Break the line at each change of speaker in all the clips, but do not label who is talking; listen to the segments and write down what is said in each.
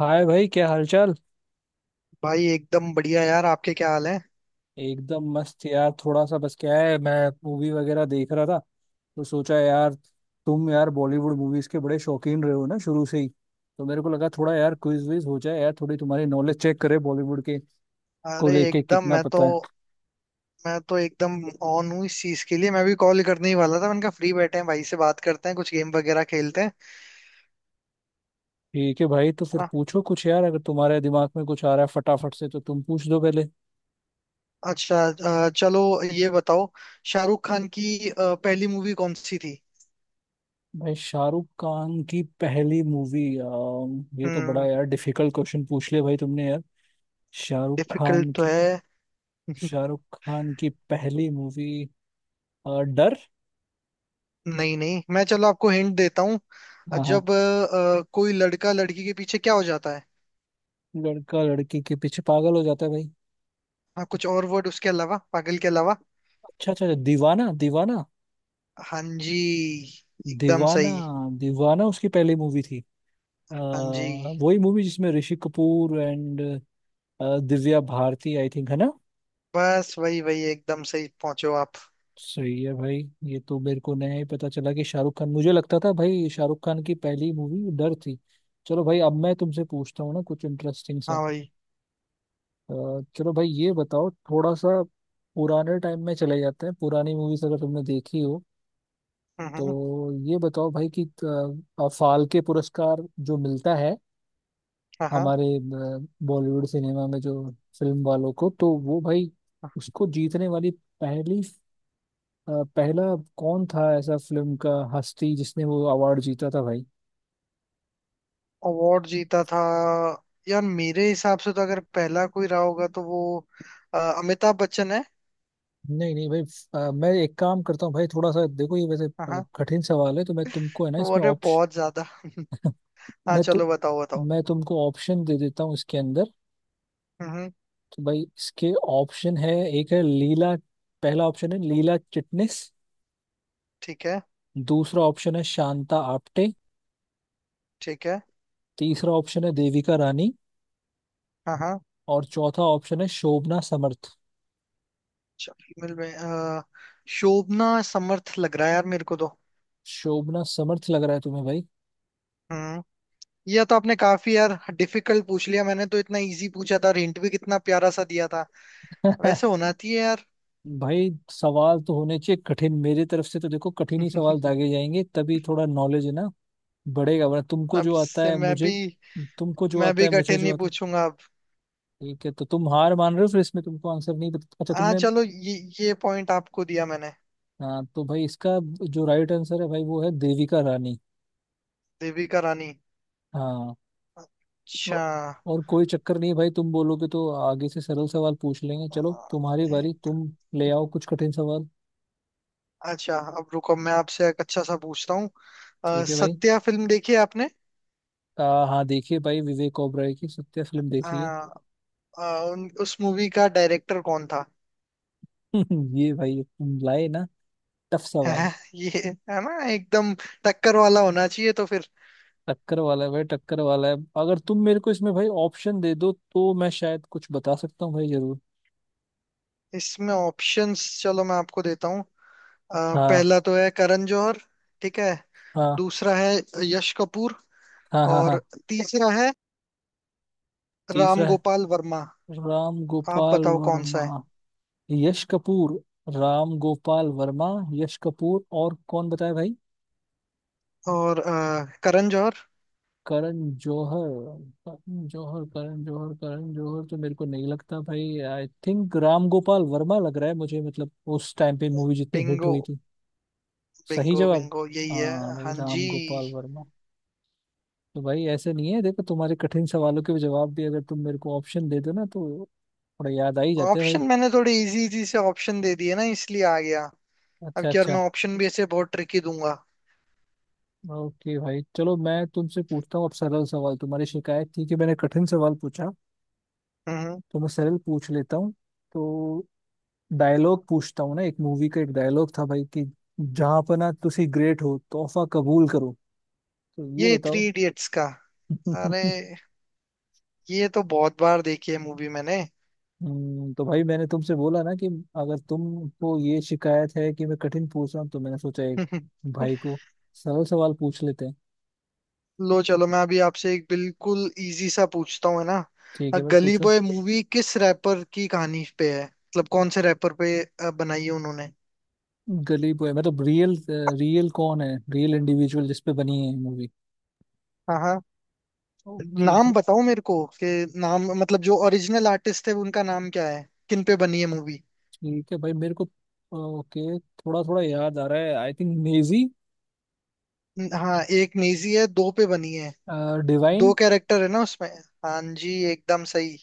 हाय भाई, क्या हालचाल।
भाई एकदम बढ़िया यार। आपके क्या हाल है?
एकदम मस्त यार। थोड़ा सा बस क्या है, मैं मूवी वगैरह देख रहा था, तो सोचा यार, तुम यार बॉलीवुड मूवीज के बड़े शौकीन रहे हो ना शुरू से ही, तो मेरे को लगा थोड़ा यार क्विज विज हो जाए यार, थोड़ी तुम्हारी नॉलेज चेक करे बॉलीवुड के को
अरे
लेके
एकदम
कितना
मैं तो,
पता है।
मैं तो एकदम ऑन हूँ इस चीज के लिए। मैं भी कॉल करने ही वाला था। मैंने कहा फ्री बैठे हैं, भाई से बात करते हैं, कुछ गेम वगैरह खेलते हैं।
ठीक है भाई, तो
है
फिर
ना?
पूछो कुछ यार, अगर तुम्हारे दिमाग में कुछ आ रहा है फटाफट से तो तुम पूछ दो पहले।
अच्छा, चलो ये बताओ, शाहरुख खान की पहली मूवी कौन सी थी?
भाई शाहरुख खान की पहली मूवी, ये तो बड़ा
हम्म।
यार डिफिकल्ट क्वेश्चन पूछ लिया भाई तुमने यार। शाहरुख
डिफिकल्ट
खान
तो
की,
है।
शाहरुख खान की पहली मूवी डर।
नहीं नहीं, मैं, चलो आपको हिंट देता हूँ।
हाँ हाँ,
जब कोई लड़का लड़की के पीछे क्या हो जाता है?
लड़का लड़की के पीछे पागल हो जाता है भाई।
हाँ, कुछ और वर्ड उसके अलावा, पागल के अलावा।
अच्छा अच्छा अच्छा, दीवाना दीवाना।
हाँ जी, एकदम
दीवाना,
सही।
दीवाना उसकी पहली मूवी थी।
हाँ जी।
वही मूवी जिसमें Rishi Kapoor and Divya Bharti, I think, है ना।
बस वही वही, एकदम सही पहुंचे हो आप।
सही है भाई। ये तो मेरे को नया ही पता चला कि शाहरुख खान, मुझे लगता था भाई शाहरुख खान की पहली मूवी डर थी। चलो भाई, अब मैं तुमसे पूछता हूँ ना कुछ इंटरेस्टिंग सा।
हाँ भाई।
अ, चलो भाई ये बताओ थोड़ा सा, पुराने टाइम में चले जाते हैं, पुरानी मूवीज अगर तुमने देखी हो,
हम्म,
तो
हम्म।
ये बताओ भाई कि फाल्के पुरस्कार जो मिलता है
हाँ हाँ।
हमारे बॉलीवुड सिनेमा में, जो फिल्म वालों को, तो वो भाई उसको जीतने वाली पहली, पहला कौन था ऐसा फिल्म का हस्ती जिसने वो अवार्ड जीता था भाई।
अवार्ड जीता था। यार मेरे हिसाब से तो अगर पहला कोई रहा होगा तो वो अमिताभ बच्चन है।
नहीं नहीं भाई, मैं एक काम करता हूँ भाई, थोड़ा सा देखो ये वैसे
हाँ हाँ,
कठिन सवाल है, तो मैं तुमको है ना इसमें,
अरे बहुत ज्यादा। हाँ
मैं तो
चलो बताओ बताओ।
मैं तुमको ऑप्शन दे देता हूँ इसके अंदर।
हम्म, हम्म।
तो भाई इसके ऑप्शन है, एक है लीला, पहला ऑप्शन है लीला चिटनिस,
ठीक है।
दूसरा ऑप्शन है शांता आप्टे,
ठीक है।
तीसरा ऑप्शन है देविका रानी,
हाँ हाँ।
और चौथा ऑप्शन है शोभना समर्थ।
चलो, मिल में, शोभना समर्थ लग रहा है यार मेरे को तो।
शोभना समर्थ लग रहा है तुम्हें भाई।
हम्म। यह तो आपने काफी यार डिफिकल्ट पूछ लिया। मैंने तो इतना इजी पूछा था, और हिंट भी कितना प्यारा सा दिया था। वैसे होना चाहिए यार।
भाई सवाल तो होने चाहिए कठिन, मेरी तरफ से तो देखो कठिन ही सवाल दागे जाएंगे, तभी थोड़ा नॉलेज है ना बढ़ेगा, वरना
अब से मैं भी,
तुमको जो
मैं
आता
भी
है, मुझे
कठिन
जो
नहीं
आता है।
पूछूंगा अब।
ठीक है, तो तुम हार मान रहे हो फिर इसमें, तुमको आंसर नहीं पता, अच्छा
हाँ
तुमने।
चलो, ये पॉइंट आपको दिया मैंने।
हाँ, तो भाई इसका जो राइट आंसर है भाई वो है देविका रानी।
देविका रानी।
हाँ। तो-
अच्छा।
और कोई चक्कर नहीं भाई, तुम बोलोगे तो आगे से सरल सवाल पूछ लेंगे। चलो तुम्हारी
अरे,
बारी, तुम ले आओ कुछ कठिन सवाल।
अच्छा, अब रुको, मैं आपसे एक अच्छा सा पूछता हूँ।
ठीक है भाई।
सत्या फिल्म देखी है आपने?
हाँ देखिए भाई, विवेक ओबराय की सत्या फिल्म देखिए।
अ, अ, उस मूवी का डायरेक्टर कौन था?
ये भाई तुम लाए ना टफ सवाल।
ये है ना एकदम टक्कर वाला होना चाहिए तो फिर।
टक्कर वाला है भाई, टक्कर वाला है, अगर तुम मेरे को इसमें भाई ऑप्शन दे दो तो मैं शायद कुछ बता सकता हूँ भाई जरूर।
इसमें ऑप्शंस चलो मैं आपको देता हूँ।
हाँ।
पहला तो है करण जौहर। ठीक है।
हाँ
दूसरा है यश कपूर।
हाँ हाँ। हाँ।
और तीसरा है राम
तीसरा है
गोपाल वर्मा।
राम
आप
गोपाल
बताओ कौन सा
वर्मा।
है?
यश कपूर, राम गोपाल वर्मा, यश कपूर और कौन बताया भाई।
और करण जौहर।
करण जौहर। करण जौहर, करण जौहर, करण जौहर तो मेरे को नहीं लगता भाई, आई थिंक राम गोपाल वर्मा लग रहा है मुझे, मतलब उस टाइम पे मूवी जितनी हिट
बिंगो,
हुई थी। सही
बिंगो,
जवाब।
बिंगो, यही
हाँ
है।
भाई,
हाँ
राम
जी।
गोपाल वर्मा। तो भाई ऐसे नहीं है देखो, तुम्हारे कठिन सवालों के जवाब भी अगर तुम मेरे को ऑप्शन दे दो ना, तो थोड़ा याद आ ही जाते हैं भाई।
ऑप्शन मैंने थोड़े इजी इजी से ऑप्शन दे दिए ना, इसलिए आ गया। अब
अच्छा
की और
अच्छा।
मैं ऑप्शन भी ऐसे बहुत ट्रिकी दूंगा।
ओके भाई, चलो मैं तुमसे पूछता हूँ अब सरल सवाल, तुम्हारी शिकायत थी कि मैंने कठिन सवाल पूछा,
हम्म।
तो मैं सरल पूछ लेता हूँ। तो डायलॉग पूछता हूँ ना, एक मूवी का एक डायलॉग था भाई कि जहाँ पना तुसी ग्रेट हो तोहफा कबूल करो, तो ये
ये
बताओ।
थ्री इडियट्स का। अरे, ये तो बहुत बार देखी है मूवी मैंने।
तो भाई मैंने तुमसे बोला ना कि अगर तुमको ये शिकायत है कि मैं कठिन पूछ रहा हूँ, तो मैंने सोचा एक भाई को सरल सवाल पूछ लेते हैं।
लो चलो मैं अभी आपसे एक बिल्कुल इजी सा पूछता हूँ, है ना।
ठीक है भाई
गली
पूछो।
बॉय मूवी किस रैपर की कहानी पे है, मतलब कौन से रैपर पे बनाई है उन्होंने?
गली बॉय मतलब रियल, रियल कौन है, रियल इंडिविजुअल जिसपे बनी है मूवी।
हाँ हाँ,
ओके भाई।
नाम बताओ मेरे को। कि नाम मतलब जो ओरिजिनल आर्टिस्ट थे उनका नाम क्या है, किन पे बनी है मूवी?
ठीक है भाई, मेरे को, ओके थोड़ा थोड़ा याद आ रहा है, आई थिंक नेजी।
हाँ, एक नेजी है, दो पे बनी है। दो
डिवाइन।
कैरेक्टर है ना उसमें। हाँ जी, एकदम सही।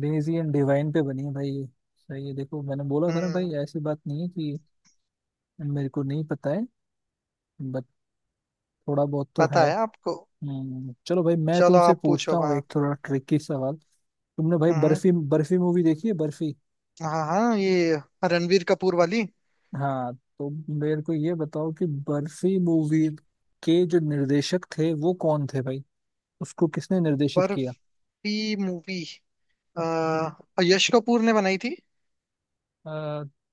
नेजी एंड डिवाइन पे बनी है भाई ये। सही है, देखो मैंने बोला था ना
हम्म।
भाई, ऐसी बात नहीं है कि मेरे को नहीं पता है, बट थोड़ा बहुत तो
पता
है।
है आपको।
चलो भाई मैं
चलो
तुमसे
आप
पूछता
पूछो,
हूँ
हाँ।
एक थोड़ा ट्रिकी सवाल। तुमने भाई
हम्म।
बर्फी, बर्फी मूवी देखी है, बर्फी।
हाँ हाँ, ये रणवीर कपूर वाली
हाँ। तो मेरे को ये बताओ कि बर्फी मूवी के जो निर्देशक थे वो कौन थे भाई, उसको किसने निर्देशित किया।
बर्फी मूवी। अ, यश कपूर ने बनाई थी।
अ,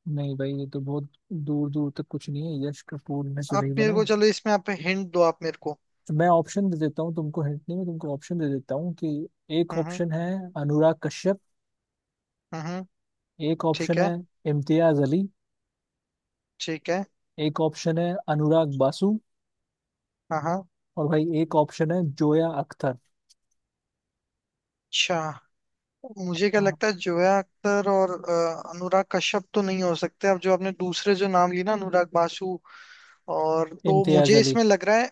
नहीं भाई ये तो बहुत दूर दूर तक कुछ नहीं है, यश कपूर ने तो नहीं
आप मेरे
बनाई।
को चलो, इसमें आप हिंट दो, आप मेरे को।
तो मैं ऑप्शन दे देता हूँ तुमको, हिंट नहीं मैं तुमको ऑप्शन दे देता हूँ कि एक
हम्म,
ऑप्शन है अनुराग कश्यप,
हम्म, हम्म।
एक
ठीक
ऑप्शन है
है।
इम्तियाज अली,
ठीक है।
एक ऑप्शन है अनुराग बासु,
हाँ हाँ।
और भाई एक ऑप्शन है जोया अख्तर।
अच्छा, मुझे क्या
हाँ,
लगता है, जोया अख्तर और अनुराग कश्यप तो नहीं हो सकते। अब जो आपने दूसरे जो नाम ली ना, अनुराग बासु और, तो
इम्तियाज
मुझे
अली।
इसमें लग रहा है।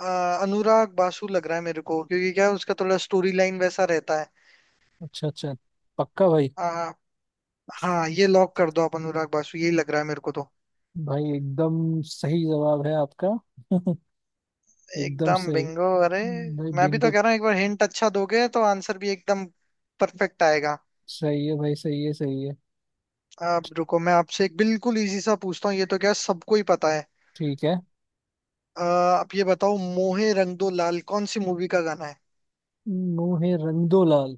अनुराग बासु लग रहा है मेरे को, क्योंकि क्या है, उसका थोड़ा स्टोरी लाइन वैसा रहता है।
अच्छा अच्छा, पक्का भाई।
अ, हाँ, ये लॉक कर दो आप, अनुराग बासु यही लग रहा है मेरे को तो।
भाई एकदम सही जवाब है आपका, एकदम
एकदम
सही।
बिंगो, अरे।
भाई
मैं भी तो
बिंगो।
कह रहा हूँ, एक बार हिंट अच्छा दोगे तो आंसर भी एकदम परफेक्ट आएगा।
सही है भाई, सही है, सही है।
अब रुको, मैं आपसे एक बिल्कुल इजी सा पूछता हूँ, ये तो क्या सबको ही पता है।
ठीक है।
आप ये बताओ, मोहे रंग दो लाल कौन सी मूवी का गाना है?
मुँह है रंगदो लाल।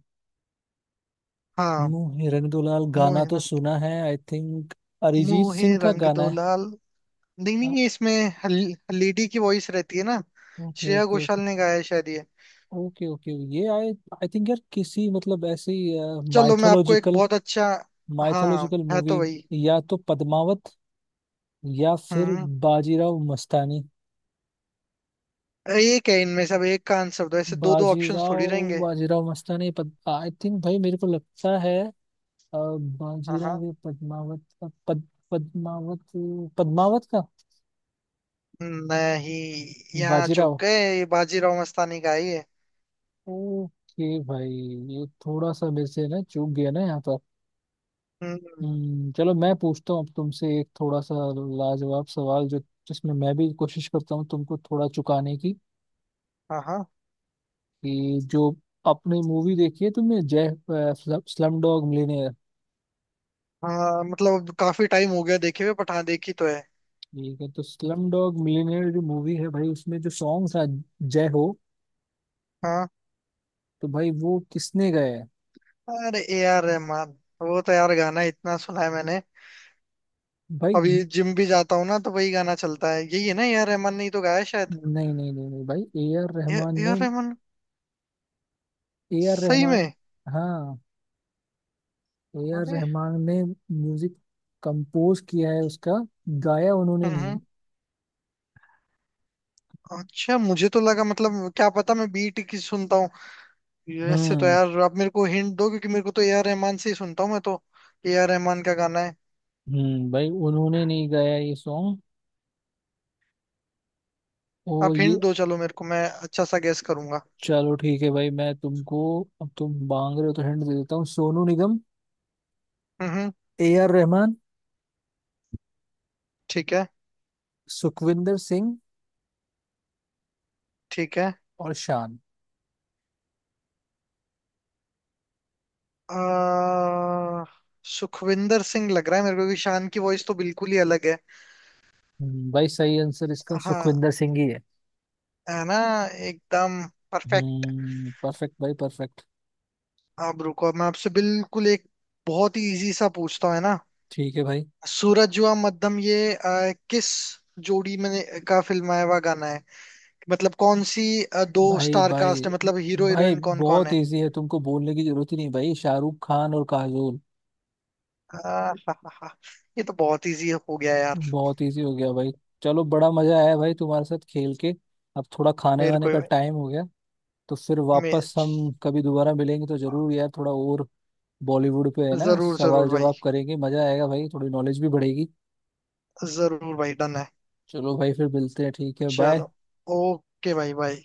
हाँ।
रंग दुलाल गाना
मोहे
तो
रंग
सुना है, आई थिंक अरिजीत
मोहे
सिंह का
रंग
गाना
दो
है।
लाल। नहीं नहीं, ये इसमें लेडी की वॉइस रहती है ना।
Okay
Shreya
okay
Ghoshal
okay.
ने गाया है शायद ये।
ओके ओके, ये आई, आई थिंक यार किसी मतलब ऐसी
चलो मैं आपको एक
माइथोलॉजिकल,
बहुत अच्छा। हाँ,
माइथोलॉजिकल
है तो
मूवी,
वही।
या तो पद्मावत या फिर
हम्म।
बाजीराव मस्तानी।
एक है इनमें, सब एक का आंसर दो, ऐसे दो दो ऑप्शंस थोड़ी
बाजीराव,
रहेंगे।
बाजीराव मस्तानी पद, आई थिंक भाई मेरे को लगता है, अ,
हाँ हाँ।
बाजीराव या पद्मावत, पद्मावत का।
नहीं, यहाँ चूक
बाजीराव,
गए, ये बाजीराव मस्तानी का ही है।
ओके भाई, ये थोड़ा सा मेरे से ना चूक गया ना यहाँ पर।
हम्म।
हम्म, चलो मैं पूछता हूँ अब तुमसे एक थोड़ा सा लाजवाब सवाल, जो जिसमें मैं भी कोशिश करता हूँ तुमको थोड़ा चुकाने की,
हाँ हाँ।
कि जो अपनी मूवी देखी है तुमने जय, स्लम डॉग मिलियनेयर।
हाँ मतलब काफी टाइम हो गया देखे हुए, बट हाँ देखी तो है।
ठीक है, तो स्लम डॉग मिलियनेयर जो मूवी है भाई, उसमें जो सॉन्ग था जय हो,
हाँ।
तो भाई वो किसने गाया है।
अरे, AR रहमान। वो तो यार गाना इतना सुना है मैंने। अभी
भाई।
जिम भी जाता हूँ ना तो वही गाना चलता है। यही है ना, AR रहमान ने ही तो गाया है शायद।
नहीं नहीं भाई A R
A
Rahman
A
ने।
आर रहमान?
ए आर
सही
रहमान।
में?
हाँ। ए आर
अरे।
रहमान ने म्यूजिक कंपोज किया है उसका, गाया उन्होंने
हम्म,
नहीं है।
हम्म। अच्छा, मुझे तो लगा, मतलब क्या पता, मैं बीट की सुनता हूँ। ऐसे तो
हम्म
यार आप मेरे को हिंट दो, क्योंकि मेरे को तो AR रहमान से ही सुनता हूँ मैं तो। AR रहमान का गाना है।
हम्म, भाई उन्होंने नहीं गाया ये सॉन्ग और
आप हिंट
ये,
दो चलो मेरे को, मैं अच्छा सा गेस करूंगा।
चलो ठीक है भाई, मैं तुमको, अब तुम मांग रहे हो तो हिंट दे देता हूँ। सोनू निगम,
हम्म।
ए आर रहमान,
ठीक है।
सुखविंदर सिंह,
ठीक है।
और शान।
आ, सुखविंदर सिंह लग रहा है मेरे को, क्योंकि शान की वॉइस तो बिल्कुल ही अलग है।
भाई सही आंसर इसका
हाँ,
सुखविंदर सिंह ही है।
है ना, एकदम परफेक्ट।
हम्म, परफेक्ट भाई परफेक्ट।
आप रुको, मैं आपसे बिल्कुल एक बहुत ही इजी सा पूछता हूँ, है ना।
ठीक है भाई।
सूरज हुआ मध्यम ये किस जोड़ी में का फिल्माया हुआ गाना है? मतलब कौन सी दो
भाई
स्टार
भाई
कास्ट है, मतलब हीरो
भाई
हीरोइन कौन कौन
बहुत
है?
इजी है, तुमको बोलने की जरूरत ही नहीं भाई, शाहरुख खान और काजोल।
हा, हा, हा, ये तो बहुत इजी हो गया यार।
बहुत इजी हो गया भाई। चलो बड़ा मजा आया भाई तुम्हारे साथ खेल के, अब थोड़ा खाने
मेरे को
वाने
ही
का
भाई।
टाइम हो गया। तो फिर
मे
वापस हम कभी दोबारा मिलेंगे तो जरूर यार, थोड़ा और बॉलीवुड पे है ना
जरूर
सवाल
जरूर भाई,
जवाब करेंगे, मजा आएगा भाई, थोड़ी नॉलेज भी बढ़ेगी।
जरूर भाई, डन है।
चलो भाई फिर मिलते हैं ठीक है, बाय।
चलो, ओके भाई, भाई।